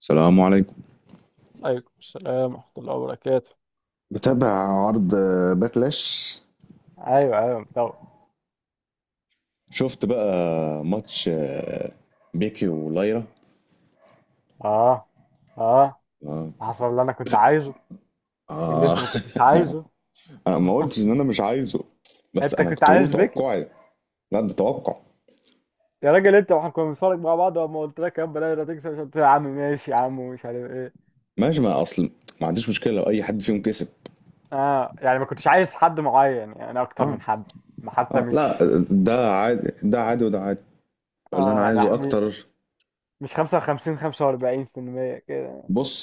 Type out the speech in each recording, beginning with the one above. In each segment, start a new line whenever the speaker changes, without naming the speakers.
السلام عليكم.
عليكم السلام ورحمة الله وبركاته.
متابع عرض باكلاش.
ايوه ايوه طبعا.
شفت بقى ماتش بيكي ولايرا.
اه اه، حصل اللي انا كنت عايزه. اللي
آه.
انت ما كنتش عايزه.
انا ما قلتش ان انا مش عايزه، بس
انت
انا
كنت
كنت بقول
عايز بيكي.
توقعي. لا ده توقع.
يا راجل انت، واحنا كنا بنتفرج مع بعض لما قلت لك يا بلاش لا تكسب، مش قلت لي يا عم ماشي يا عم ومش عارف ايه؟
ماشي، ما اصل ما عنديش مشكله لو اي حد فيهم كسب.
اه يعني ما كنتش عايز حد معين يعني اكتر
اه،
من حد. ما حتى
اه لا،
مش.
ده عادي ده عادي وده عادي. اللي
اه
انا
يعني
عايزه
م-
اكتر.
مش 55 45% كده.
بص،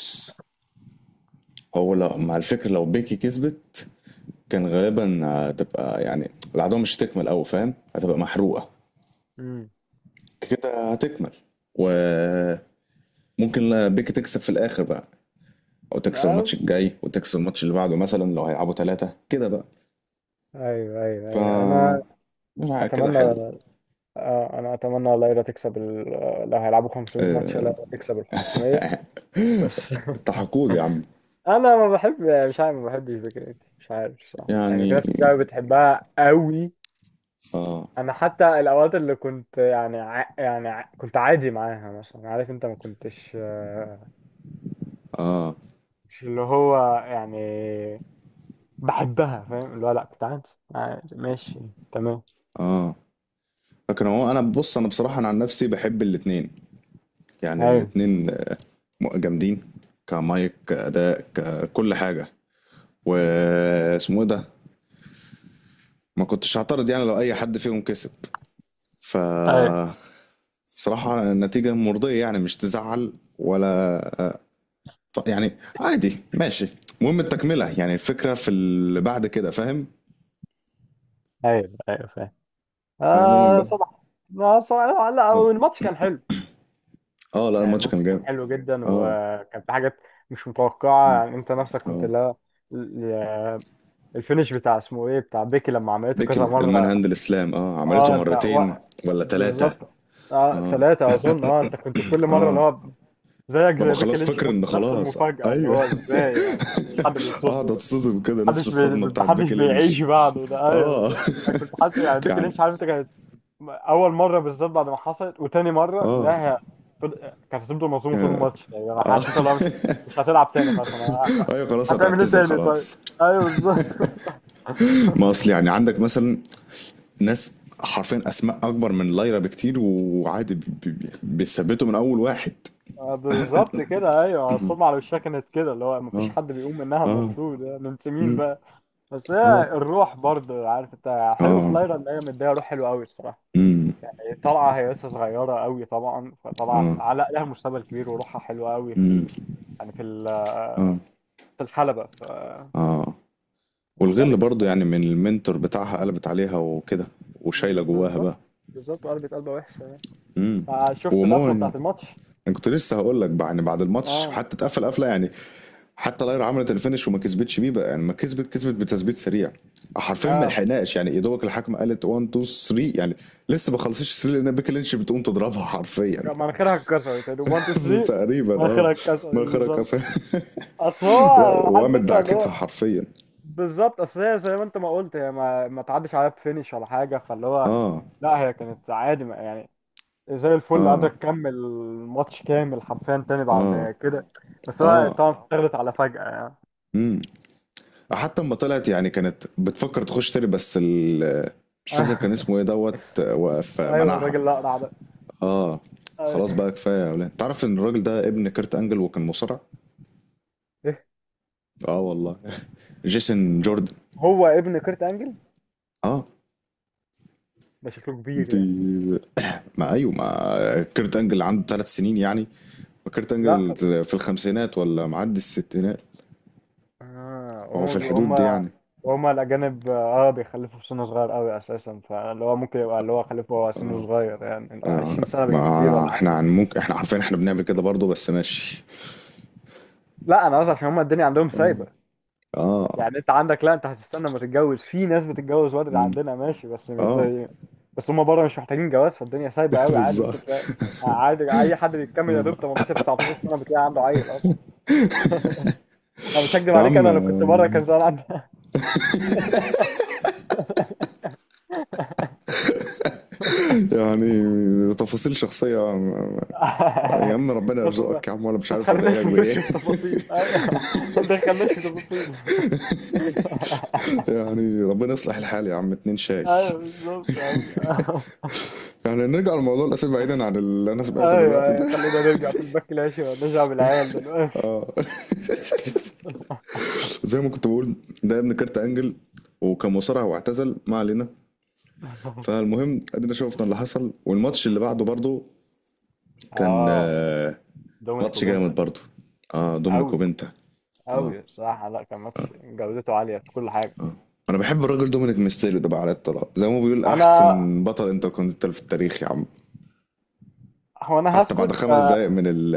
هو لو مع الفكره لو بيكي كسبت كان غالبا هتبقى يعني العداوه مش هتكمل قوي، فاهم؟ هتبقى محروقه.
امم
كده هتكمل، وممكن بيك تكسب في الاخر بقى، او تكسب
آه.
الماتش الجاي وتكسب الماتش اللي بعده مثلا لو هيلعبوا ثلاثة كده بقى.
ايوه ايوه
ف
ايوه انا
لا، كده
اتمنى.
حلو.
انا اتمنى والله لا تكسب ال... آه، لو هيلعبوا 500 ماتش لا تكسب ال 500 بس.
التحقود يا عم.
انا ما بحب، مش عارف، ما بحبش فكرة، مش عارف صح. يعني في
يعني
ناس كتير أوي بتحبها قوي.
اه.
انا حتى الاوقات اللي كنت يعني كنت عادي معاها مثلا، عارف انت ما كنتش.
اه،
مش اللي هو يعني بحبها، فاهم؟ اللي هو لا، كنت عادي. عادي، ماشي، تمام.
اه لكن هو، انا بص، انا بصراحة انا عن نفسي بحب الاتنين. يعني
ايوه
الاتنين جامدين كمايك كأداء ككل حاجة. واسمه ايه ده؟ ما كنتش هعترض يعني لو اي حد فيهم كسب. ف
ايوه
بصراحة نتيجة مرضية، يعني مش تزعل ولا يعني، عادي ماشي. المهم التكملة، يعني الفكرة في اللي بعد كده، فاهم؟
ايوه ايوه، فاهم.
هو عموما
آه
بقى
صباح ما صباح. لا
اتفضل.
لا، الماتش كان حلو.
اه لا،
يعني
الماتش كان
الماتش
جامد.
كان حلو جدا
اه
وكان في حاجات مش متوقعة، يعني انت نفسك كنت
اه،
لا. ال- الفينش بتاع اسمه ايه بتاع بيكي لما عملته كذا
بيكل المان
مرة.
هاند الاسلام، اه عملته
اه، انت ثلاث
مرتين
مرات.
ولا ثلاثة.
بالظبط. اه،
اه
ثلاثة اظن. اه، انت كنت كل مرة اللي
اه،
هو زيك
ببقى
زي بيكي
خلاص
لينش،
فاكر
نفس
ان
نفس
خلاص.
المفاجأة، اللي
ايوه،
هو ازاي يعني، مفيش حد
اقعد
بيصده ده.
اتصدم كده نفس الصدمة بتاعت
محدش
بيكي لينش.
بيعيش بعده ده. ايوه
اه
بالظبط. انا كنت حتى يعني بيكي
يعني
لينش، عارف انت، اول مره بالظبط بعد ما حصلت، وتاني مره
اه.
لا، هي فض- كانت هتفضل مظلومه طول الماتش. يعني انا
اه
حسيت، لو مش هتلعب تاني خلاص، انا
ايوه خلاص
هتعمل ايه
هتعتزل
تاني طيب.
خلاص.
ايوه بالظبط.
ما اصل يعني عندك مثلا ناس حرفيا اسماء اكبر من لايرا بكتير وعادي، بيثبتوا من اول واحد.
بالظبط كده. ايوه، الصدمه على وشها كانت كده، اللي هو
اه،
مفيش حد بيقوم منها،
اه،
المفروض يعني انت مين بقى. بس هي
اه،
الروح برضه، عارف انت، حلو في
اه،
لايرا ان هي مديها روح حلوه قوي الصراحه. هي طالعه، هي لسه صغيره قوي طبعا، فطلعت
اه،
علق لها مستقبل كبير وروحها حلوه قوي في ال... يعني في ال...
اه.
في الحلبه،
اه، والغل
مختلفة
برضو
الصراحة.
يعني من المنتور بتاعها قلبت عليها وكده، وشايله جواها
بالظبط
بقى.
بالظبط، وقلبت قلبة وحشة. يعني شفت القفلة
ومون،
بتاعت الماتش.
انا كنت لسه هقول لك يعني بعد الماتش
اه
حتى اتقفل قفله، يعني حتى لاير عملت الفينش وما كسبتش بيه بقى، يعني ما كسبت، كسبت بتثبيت سريع. حرفيا ما
اه،
لحقناش يعني، يا دوبك الحكم قالت 1 2 3 يعني. لسه ما خلصتش 3 لان بيكي لينش بتقوم تضربها حرفيا.
مناخيرها اتكسرت يعني 1 2 3،
تقريبا اه.
مناخيرها اتكسرت
ما خرج
بالظبط.
أصلاً.
اصل هو،
لا،
عارف
وقامت
انت اللي
دعكتها
هو،
حرفيا.
بالظبط. اصل هي زي ما انت ما قلت، هي ما تعدش عليها بفينش ولا حاجة، فاللي هو
اه،
لا، هي كانت عادي يعني زي الفل، قادرة
اه،
تكمل الماتش كامل حرفيا تاني
اه،
بعد كده، بس هو
اه.
طبعا اتغلت على فجأة يعني.
امم حتى اما طلعت يعني كانت بتفكر تخش تاني، بس مش فاكر كان اسمه ايه، دوت وقف
ايوه،
منعها.
الراجل الاقرع ده.
اه،
أيوة.
خلاص بقى كفايه يا اولاد. تعرف ان الراجل ده ابن كيرت انجل وكان مصارع؟ اه والله، جيسون جوردن.
هو ابن كيرت انجل،
اه،
ده شكله كبير
دي
يعني.
ما ايوه، ما كيرت انجل عنده ثلاث سنين يعني. ما كيرت
لا
انجل
بس،
في الخمسينات ولا معدي الستينات.
اه،
هو في الحدود
وهم
دي
هم
يعني.
هم الاجانب، اه، بيخلفوا في سن صغير قوي اساسا، فاللي هو ممكن يبقى اللي هو خلفه وهو سنه صغير، يعني اللي هو
آه،
20 سنه بالكتير
ما
ولا
احنا
حاجه.
عن ممكن، احنا عارفين احنا بنعمل كده برضه، بس ماشي.
لا، انا قصدي عشان هم الدنيا عندهم
اه،
سايبه.
اه،
يعني انت عندك، لا، انت هتستنى ما تتجوز. في ناس بتتجوز بدري
مم.
عندنا، ماشي، بس مش
اه
زي. بس هم بره مش محتاجين جواز، فالدنيا سايبه قوي. عادي، ممكن
بالظبط
تلاقي عادي اي حد بيكمل يا دوب 18 19 سنه بتلاقي عنده عيل اصلا. انا مش هكدب
يا
عليك،
عم.
انا لو كنت بره كان زمان عندي.
يعني تفاصيل شخصية؟ يا عم ربنا
ما ت- ما
يرزقك يا عم، وانا مش
ما
عارف ادعي لك
تخليناش
بايه
نخش في تفاصيل، ايوه. ما تدخلناش في تفاصيل.
يعني ربنا يصلح الحال يا عم. اتنين شاي.
ايوه بالظبط يا عم.
يعني نرجع لموضوع الاسئله بعيدا عن اللي انا سمعته
ايوه
دلوقتي
ايوه،
ده.
خلينا نرجع في الباك العشي ونرجع بالعيال دلوقتي.
زي ما كنت بقول، ده ابن كارت انجل وكان مصارع واعتزل، ما علينا. فالمهم ادينا شفنا اللي حصل، والماتش اللي بعده برضه كان
اه، دومينيك
ماتش جامد
وبنتا،
برضه. اه دومينيك
قوي
وبنتا. اه
قوي بصراحه. لا، كان ماتش جودته عاليه في كل حاجه.
انا بحب الراجل دومينيك ميستيريو ده بقى على الطلاق. زي ما هو بيقول،
انا
احسن بطل انتركونتيننتال في التاريخ يا عم.
انا
حتى بعد
هسكت.
خمس دقايق من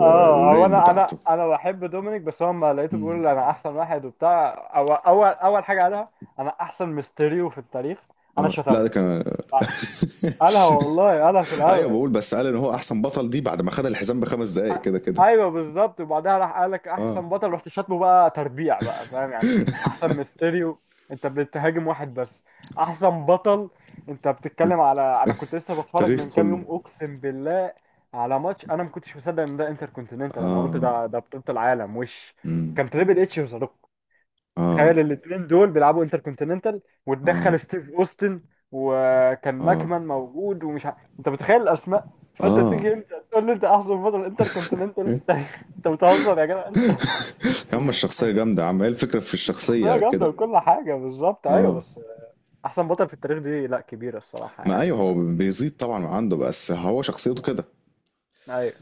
اه، هو انا انا
بتاعته.
انا بحب دومينيك، بس هو لما لقيته
مم.
بيقول انا احسن واحد وبتاع، اول اول اول حاجه قالها انا احسن ميستيريو في التاريخ، انا
اه لا، ده
شتمته.
كان
قالها والله، قالها في
ايوه
الاول.
بقول، بس قال ان هو احسن بطل دي بعد ما خد الحزام بخمس دقايق كده كده.
ايوه بالظبط، وبعدها راح قال لك
اه
احسن بطل، رحت شاتمه بقى تربيع بقى، فاهم يعني؟ احسن ميستيريو، انت بتهاجم واحد بس. احسن بطل، انت بتتكلم على، انا كنت لسه بتفرج
تاريخ
من كام
كله.
يوم، اقسم بالله، على ماتش انا ما كنتش مصدق ان ده انتر كونتيننتال، انا قلت
اه،
ده بطولة العالم وش،
امم
كان تريبل اتش وذا.
اه،
تخيل الاثنين دول بيلعبوا انتركونتيننتال
اه،
وتدخل ستيف اوستن، وكان
اه.
ماكمان موجود، ومش انت متخيل الاسماء. فانت
اه
تيجي انت تقول لي انت احسن بطل انتركونتيننتال في التاريخ، انت بتهزر يا جدع انت.
يا عم الشخصيه جامده يا عم. ايه الفكره في
الشخصيه
الشخصيه
جامده
كده؟
وكل حاجه، بالظبط، ايوه،
اه،
بس احسن بطل في التاريخ دي لا، كبيره الصراحه
ما
يعني
ايوه هو
ما...
بيزيد طبعا من عنده، بس هو شخصيته كده
ايوه،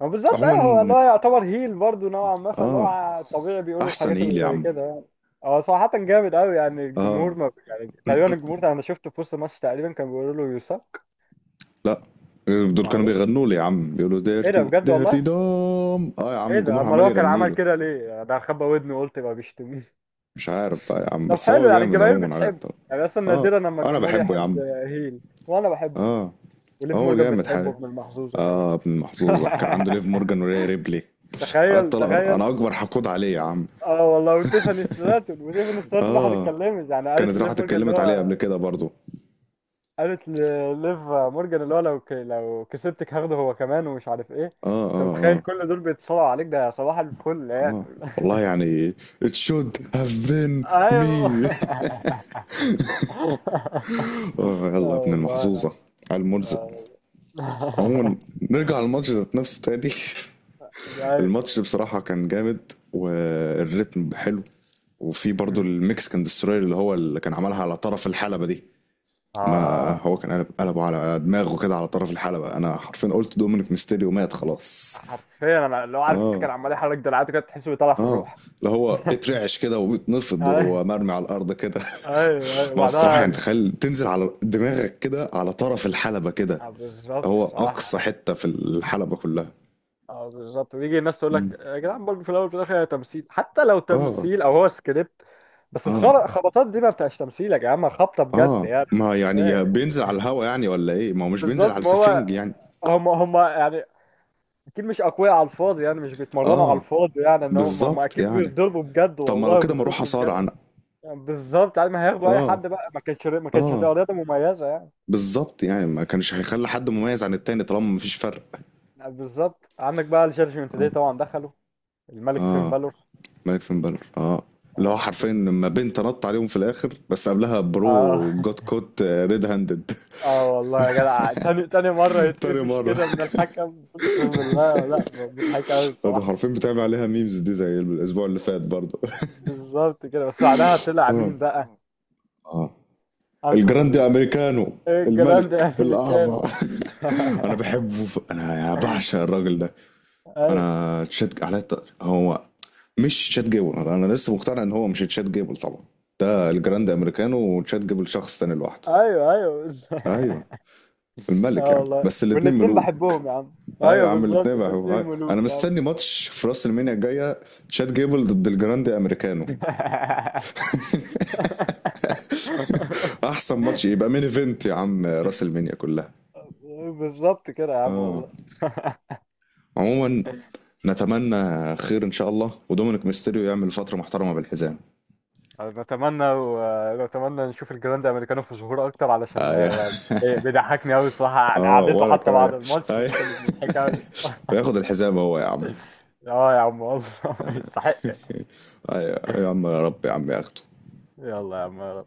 ما بالظبط، ايوه، هو اللي
عموما.
هو يعتبر هيل برضه نوعا ما، فاللي
اه
هو طبيعي بيقولوا
احسن
الحاجات
ايه
اللي
يا
زي
عم.
كده يعني. هو صراحة جامد قوي، يعني الجمهور،
اه
ما يعني، تقريبا الجمهور انا شفته في وسط الماتش تقريبا كان بيقولوا له يوسك.
لا، دول كانوا
معلش،
بيغنوا لي يا عم، بيقولوا
ايه ده
ديرتي
بجد
ديرتي
والله،
دوم. اه يا عم
ايه ده،
الجمهور
امال
عمال
هو كان
يغني
عمل
له.
كده ليه؟ يعني ده خبى ودني، قلت بقى بيشتمني.
مش عارف بقى يا عم،
طب
بس هو
حلو، يعني
جامد
الجماهير
عموما على
بتحب،
الطرب.
يعني اصلا
اه
نادرا لما
انا
الجمهور
بحبه يا
يحب
عم.
هيل. وانا بحبه.
اه،
وليف
هو
مورجان
جامد
بتحبه،
حالي.
ابن المحظوظة كمان.
اه ابن المحظوظه كان عنده ليف مورجان وريا ريبلي. على
تخيل
الطلاق
تخيل.
انا اكبر حقود عليه يا عم.
اه والله، وتيفاني ستراتون راحت
اه
اتكلمت يعني،
كانت راحت اتكلمت عليه قبل كده برضو.
قالت لليف مورجان اللي هو، لو لو كسبتك هاخده هو كمان ومش عارف ايه.
اه،
انت
اه،
متخيل
اه،
كل دول بيتصارعوا عليك؟ ده صباح الفل يعني.
اه والله يعني it should have been
ايوه.
me اه
اه
يلا يا ابن
والله يا
المحظوظة
عم.
على المرزق.
اه والله.
عموما نرجع للماتش ذات نفسه تاني.
ده-
الماتش بصراحة كان جامد والريتم حلو. وفي برضو
مم.
المكسيكان دستروير اللي هو اللي كان عملها على طرف الحلبة دي. ما
اه،
هو كان قلب قلبه على دماغه كده على طرف الحلبة، انا حرفيا قلت دومينيك ميستيريو مات خلاص.
حرفيا انا لو عارف،
اه،
كان عمال يحرك دراعاته كده، تحسه بيطلع في
اه،
الروح.
اللي هو بيترعش كده وبيتنفض
ايوه
وهو مرمي على الارض كده.
ايوه ايوه،
ما الصراحة يعني
وبعدها
تخيل تنزل على دماغك كده على طرف الحلبة كده.
بالظبط
هو اقصى
صراحة.
حته في الحلبه كلها.
اه بالظبط، بيجي الناس تقول
مم.
لك يا جدعان، برضه في الاول وفي الاخر هي تمثيل، حتى لو
اه،
تمثيل او هو سكريبت، بس
اه،
الخبطات دي ما بتبقاش تمثيل يا جماعه، خبطه بجد
اه،
يعني، أنا
ما
مش فاهم.
يعني بينزل على الهوا يعني ولا ايه، ما هو مش بينزل
بالظبط،
على
ما هو،
سفنج يعني.
هم يعني اكيد مش اقوياء على الفاضي، يعني مش بيتمرنوا على
اه
الفاضي، يعني ان هم
بالظبط
اكيد
يعني.
بيتضربوا بجد
طب ما لو
والله،
كده ما اروح
بيتخبطوا بجد،
اصارع انا؟
يعني بالظبط. يعني ما هياخدوا اي
اه،
حد بقى، ما كانتش
اه
هتبقى رياضه مميزه يعني.
بالظبط يعني. ما كانش هيخلي حد مميز عن التاني طالما مفيش فرق.
يعني بالظبط، عندك بقى الجادجمنت
اه،
داي طبعا دخلوا، الملك فين
اه،
بالور.
ملك فين بالور اه. اللي هو
اه
حرفيا
بالظبط.
لما بنت نط عليهم في الاخر، بس قبلها برو
اه
جوت كوت ريد هاندد.
اه والله يا جدع، تاني تاني مرة
تاني
يتقفش
مره.
كده من الحكم، اقسم بالله، لا مضحك قوي
ده
الصراحة.
حرفيا بتعمل عليها ميمز دي زي الاسبوع اللي فات برضه.
بالظبط كده، بس بعدها طلع
اه،
مين بقى،
اه
انقذ
الجراندي امريكانو.
إيه الجدعان ده،
الملك
يعني اللي كان.
الاعظم انا بحبه انا بعشق الراجل ده.
ايوه
انا تشات على هو مش تشات جيبل، انا لسه مقتنع ان هو مش تشات جيبل طبعا. ده الجراند امريكانو، وتشات جيبل شخص تاني لوحده.
ايوه ايوه
ايوه الملك يا
اه
عم،
والله،
بس الاتنين
والاتنين
ملوك.
بحبهم يا عم،
ايوه يا
ايوه
عم
بالظبط،
الاتنين بقى.
الاتنين
أيوة. انا
ملوك يا عم.
مستني ماتش في راس المينيا الجايه، تشات جيبل ضد الجراند امريكانو. احسن ماتش يبقى مين ايفنت يا عم راس المينيا كلها.
بالظبط كده يا عم
آه.
والله.
عموما نتمنى خير ان شاء الله، ودومينيك ميستيريو يعمل فتره محترمه بالحزام.
بتمنى بتمنى نشوف الجراند امريكانو في ظهور اكتر، علشان
اه يا
بيضحكني قوي الصراحه، يعني
اه
قعدته
وانا
حتى
كمان.
بعد
آه
الماتش
يا-
دي كانت مضحكه قوي الصراحة.
وياخد الحزام هو يا عم.
اه يا عم والله. يستحق.
آه يا، آه يا عم يا رب يا عم ياخده.
يلا يا عم.